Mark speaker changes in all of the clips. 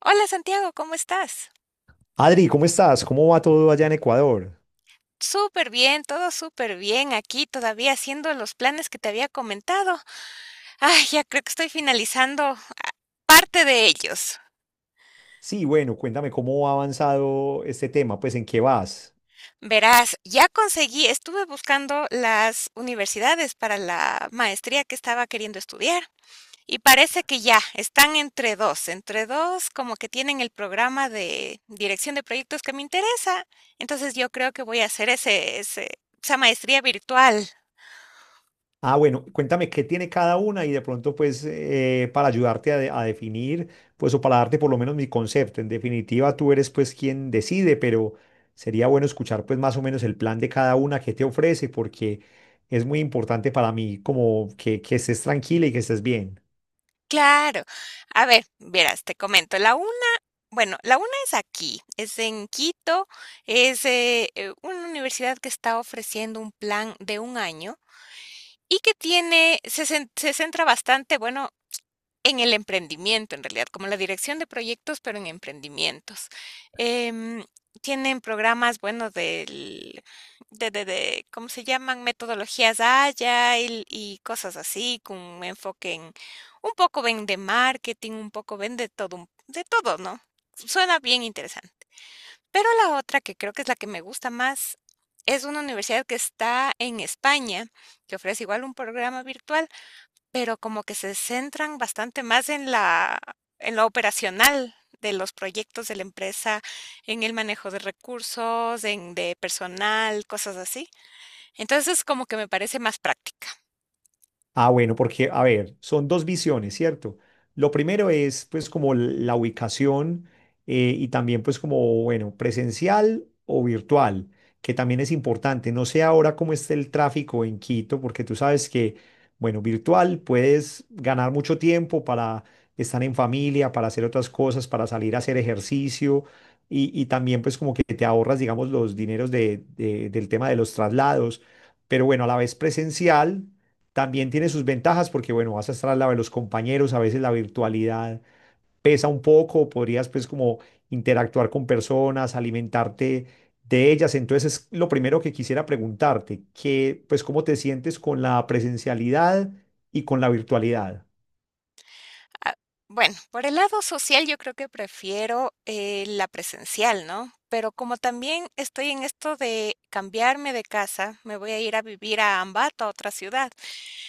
Speaker 1: Hola Santiago, ¿cómo estás?
Speaker 2: Adri, ¿cómo estás? ¿Cómo va todo allá en Ecuador?
Speaker 1: Súper bien, todo súper bien aquí, todavía haciendo los planes que te había comentado. Ay, ya creo que estoy finalizando parte de ellos.
Speaker 2: Sí, bueno, cuéntame cómo ha avanzado este tema, pues en qué vas.
Speaker 1: Verás, ya conseguí, estuve buscando las universidades para la maestría que estaba queriendo estudiar y parece que ya están entre dos, como que tienen el programa de dirección de proyectos que me interesa. Entonces yo creo que voy a hacer esa maestría virtual.
Speaker 2: Ah, bueno, cuéntame qué tiene cada una y de pronto pues para ayudarte a, a definir, pues o para darte por lo menos mi concepto. En definitiva, tú eres pues quien decide, pero sería bueno escuchar pues más o menos el plan de cada una que te ofrece porque es muy importante para mí como que estés tranquila y que estés bien.
Speaker 1: Claro. A ver, verás, te comento. La UNA, bueno, la UNA es aquí, es en Quito, es una universidad que está ofreciendo un plan de un año y que tiene, se centra bastante, bueno, en el emprendimiento, en realidad, como la dirección de proyectos, pero en emprendimientos. Em, Tienen programas, bueno, del ¿cómo se llaman? Metodologías Agile y cosas así, con un enfoque en un poco ven de marketing, un poco ven de todo, de todo, ¿no? Suena bien interesante. Pero la otra, que creo que es la que me gusta más, es una universidad que está en España, que ofrece igual un programa virtual pero como que se centran bastante más en lo operacional de los proyectos de la empresa, en el manejo de recursos, en de personal, cosas así. Entonces, como que me parece más práctica.
Speaker 2: Ah, bueno, porque, a ver, son dos visiones, ¿cierto? Lo primero es, pues, como la ubicación y también, pues, como, bueno, presencial o virtual, que también es importante. No sé ahora cómo está el tráfico en Quito, porque tú sabes que, bueno, virtual puedes ganar mucho tiempo para estar en familia, para hacer otras cosas, para salir a hacer ejercicio y también, pues, como que te ahorras, digamos, los dineros del tema de los traslados. Pero bueno, a la vez presencial. También tiene sus ventajas porque, bueno, vas a estar al lado de los compañeros, a veces la virtualidad pesa un poco, podrías pues como interactuar con personas, alimentarte de ellas. Entonces, es lo primero que quisiera preguntarte, que pues cómo te sientes con la presencialidad y con la virtualidad.
Speaker 1: Ah, bueno, por el lado social yo creo que prefiero la presencial, ¿no? Pero como también estoy en esto de cambiarme de casa, me voy a ir a vivir a Ambato, a otra ciudad.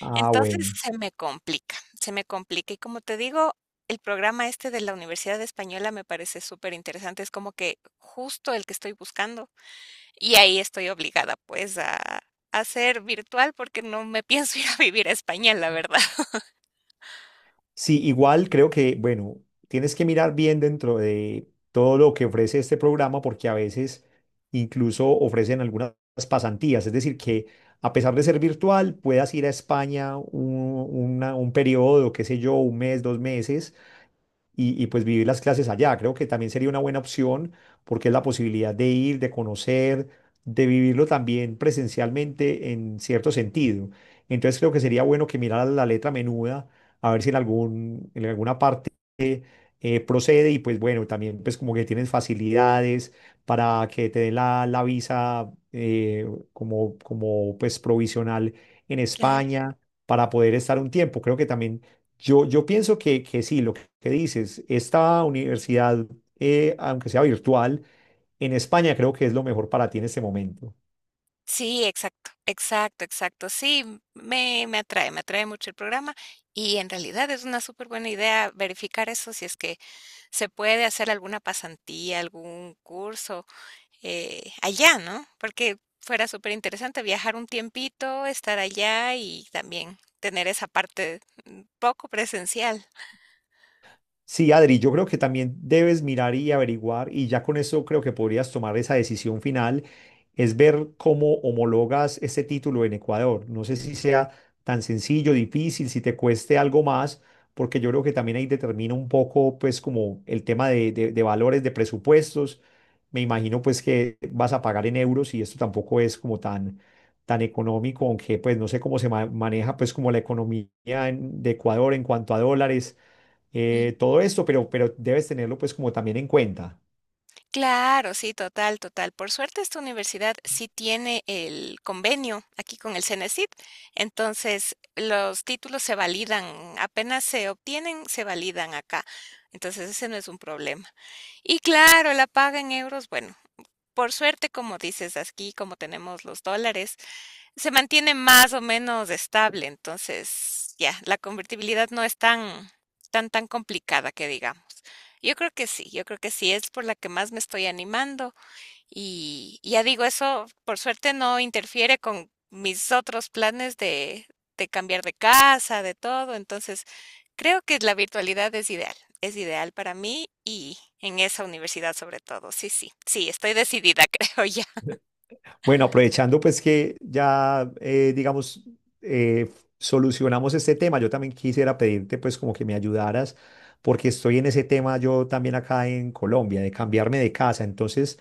Speaker 2: Ah,
Speaker 1: Entonces
Speaker 2: bueno.
Speaker 1: se me complica, se me complica. Y como te digo, el programa este de la Universidad Española me parece súper interesante. Es como que justo el que estoy buscando. Y ahí estoy obligada pues a ser virtual porque no me pienso ir a vivir a España, la verdad.
Speaker 2: Sí, igual creo que, bueno, tienes que mirar bien dentro de todo lo que ofrece este programa porque a veces incluso ofrecen algunas pasantías, es decir, que a pesar de ser virtual, puedas ir a España un periodo, qué sé yo, un mes, dos meses y, pues vivir las clases allá. Creo que también sería una buena opción porque es la posibilidad de ir, de conocer, de vivirlo también presencialmente en cierto sentido. Entonces creo que sería bueno que mirara la letra menuda, a ver si en alguna parte procede y pues bueno, también pues como que tienes facilidades para que te den la, la visa como, como pues provisional en España para poder estar un tiempo. Creo que también yo pienso que sí, lo ¿Qué dices? Esta universidad, aunque sea virtual, en España creo que es lo mejor para ti en este momento.
Speaker 1: Sí, exacto, exacto, exacto. Sí, me, me atrae mucho el programa y en realidad es una súper buena idea verificar eso si es que se puede hacer alguna pasantía, algún curso allá, ¿no? Porque fuera súper interesante viajar un tiempito, estar allá y también tener esa parte poco presencial.
Speaker 2: Sí, Adri, yo creo que también debes mirar y averiguar, y ya con eso creo que podrías tomar esa decisión final, es ver cómo homologas este título en Ecuador. No sé si sea tan sencillo, difícil, si te cueste algo más, porque yo creo que también ahí determina un poco, pues, como el tema de, de valores, de presupuestos. Me imagino, pues, que vas a pagar en euros y esto tampoco es como tan, tan económico, aunque, pues, no sé cómo se maneja, pues, como la economía de Ecuador en cuanto a dólares todo esto, pero debes tenerlo pues como también en cuenta.
Speaker 1: Claro, sí, total, total. Por suerte esta universidad sí tiene el convenio aquí con el CENESID, entonces los títulos se validan, apenas se obtienen, se validan acá. Entonces ese no es un problema. Y claro, la paga en euros, bueno, por suerte, como dices aquí, como tenemos los dólares, se mantiene más o menos estable, entonces ya, la convertibilidad no es tan complicada que digamos. Yo creo que sí, yo creo que sí, es por la que más me estoy animando ya digo, eso por suerte no interfiere con mis otros planes de cambiar de casa, de todo, entonces creo que la virtualidad es ideal para mí y en esa universidad sobre todo. Sí, sí, sí, estoy decidida, creo ya.
Speaker 2: Bueno, aprovechando pues que ya, digamos, eh, solucionamos este tema, yo también quisiera pedirte pues como que me ayudaras, porque estoy en ese tema yo también acá en Colombia, de cambiarme de casa. Entonces,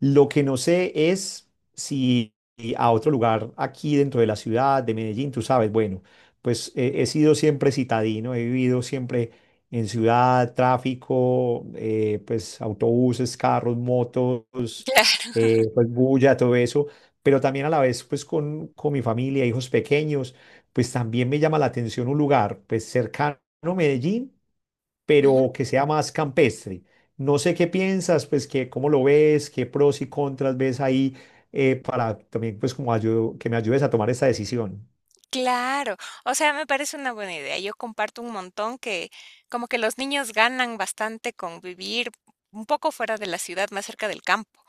Speaker 2: lo que no sé es si a otro lugar aquí dentro de la ciudad de Medellín, tú sabes, bueno, pues he sido siempre citadino, he vivido siempre en ciudad, tráfico, pues autobuses, carros, motos,
Speaker 1: Claro.
Speaker 2: pues bulla, todo eso, pero también a la vez pues con mi familia, hijos pequeños, pues también me llama la atención un lugar pues cercano a Medellín
Speaker 1: Ujú.
Speaker 2: pero que sea más campestre. No sé qué piensas, pues que cómo lo ves, qué pros y contras ves ahí para también pues como que me ayudes a tomar esta decisión.
Speaker 1: Claro, o sea, me parece una buena idea. Yo comparto un montón que como que los niños ganan bastante con vivir un poco fuera de la ciudad, más cerca del campo.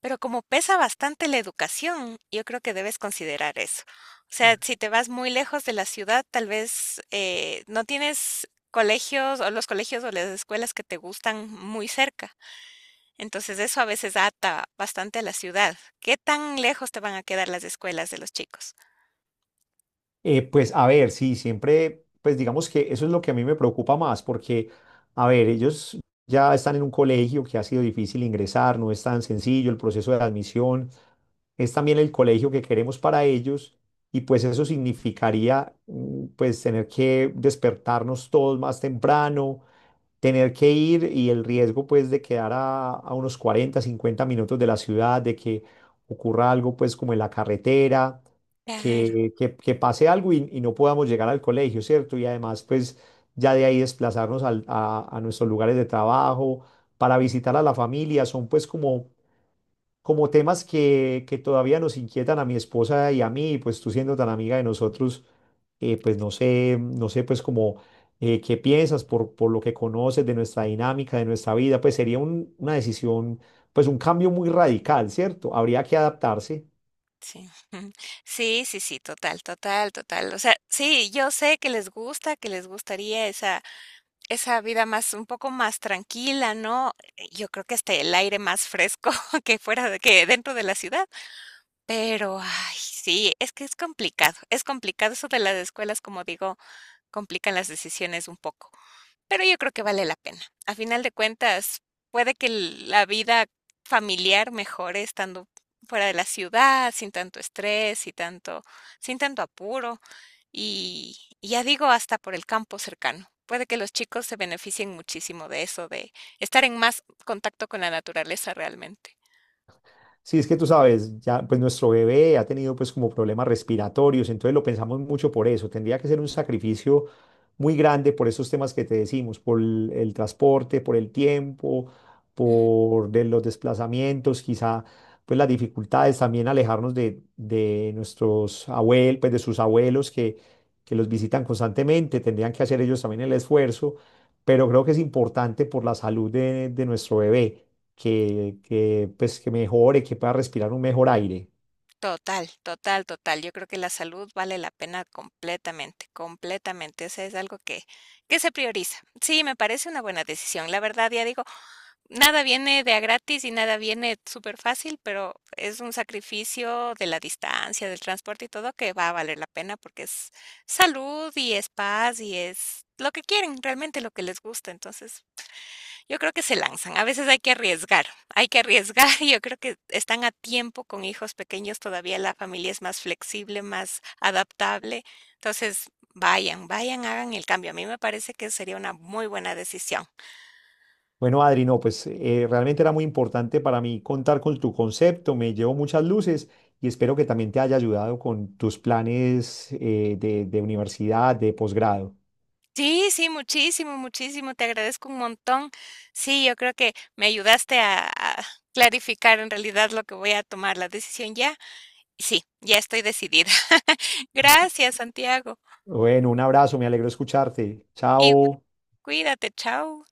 Speaker 1: Pero como pesa bastante la educación, yo creo que debes considerar eso. O sea, si te vas muy lejos de la ciudad, tal vez no tienes colegios o los colegios o las escuelas que te gustan muy cerca. Entonces eso a veces ata bastante a la ciudad. ¿Qué tan lejos te van a quedar las escuelas de los chicos?
Speaker 2: Pues a ver, sí, siempre, pues digamos que eso es lo que a mí me preocupa más, porque, a ver, ellos ya están en un colegio que ha sido difícil ingresar, no es tan sencillo el proceso de admisión, es también el colegio que queremos para ellos y pues eso significaría mm, pues tener que despertarnos todos más temprano, tener que ir y el riesgo pues de quedar a unos 40 o 50 minutos de la ciudad, de que ocurra algo pues como en la carretera,
Speaker 1: Claro.
Speaker 2: que, que pase algo y no podamos llegar al colegio, ¿cierto? Y además pues ya de ahí desplazarnos a nuestros lugares de trabajo para visitar a la familia, son pues como como temas que todavía nos inquietan a mi esposa y a mí, pues tú siendo tan amiga de nosotros, pues no sé, pues como qué piensas por lo que conoces de nuestra dinámica, de nuestra vida, pues sería una decisión, pues un cambio muy radical, ¿cierto? Habría que adaptarse.
Speaker 1: Sí. Sí, sí, sí, total, total, total. O sea, sí, yo sé que les gusta, que les gustaría esa vida más un poco más tranquila, ¿no? Yo creo que hasta el aire más fresco que fuera de que dentro de la ciudad, pero, ay, sí, es que es complicado eso de las escuelas, como digo, complican las decisiones un poco. Pero yo creo que vale la pena. A final de cuentas, puede que la vida familiar mejore estando fuera de la ciudad, sin tanto estrés y tanto, sin tanto apuro. Y ya digo, hasta por el campo cercano. Puede que los chicos se beneficien muchísimo de eso, de estar en más contacto con la naturaleza realmente.
Speaker 2: Sí, es que tú sabes, ya pues nuestro bebé ha tenido pues como problemas respiratorios, entonces lo pensamos mucho por eso, tendría que ser un sacrificio muy grande por esos temas que te decimos, por el transporte, por el tiempo,
Speaker 1: Ujú.
Speaker 2: por de los desplazamientos, quizá pues las dificultades también alejarnos de nuestros abuelos, pues de sus abuelos que los visitan constantemente, tendrían que hacer ellos también el esfuerzo, pero creo que es importante por la salud de nuestro bebé, que, pues, que mejore, que pueda respirar un mejor aire.
Speaker 1: Total, total, total. Yo creo que la salud vale la pena completamente, completamente. Ese es algo que se prioriza. Sí, me parece una buena decisión. La verdad, ya digo, nada viene de a gratis y nada viene súper fácil, pero es un sacrificio de la distancia, del transporte y todo que va a valer la pena porque es salud y es paz y es lo que quieren, realmente lo que les gusta. Entonces, yo creo que se lanzan. A veces hay que arriesgar, hay que arriesgar. Y yo creo que están a tiempo con hijos pequeños, todavía la familia es más flexible, más adaptable. Entonces, vayan, vayan, hagan el cambio. A mí me parece que sería una muy buena decisión.
Speaker 2: Bueno, Adri, no, pues realmente era muy importante para mí contar con tu concepto, me llevo muchas luces y espero que también te haya ayudado con tus planes de universidad, de posgrado.
Speaker 1: Sí, sí, muchísimo, muchísimo. Te agradezco un montón. Sí, yo creo que me ayudaste a clarificar en realidad lo que voy a tomar, la decisión ya. Sí, ya estoy decidida. Gracias, Santiago.
Speaker 2: Bueno, un abrazo, me alegro escucharte.
Speaker 1: Y
Speaker 2: Chao.
Speaker 1: cuídate, chao.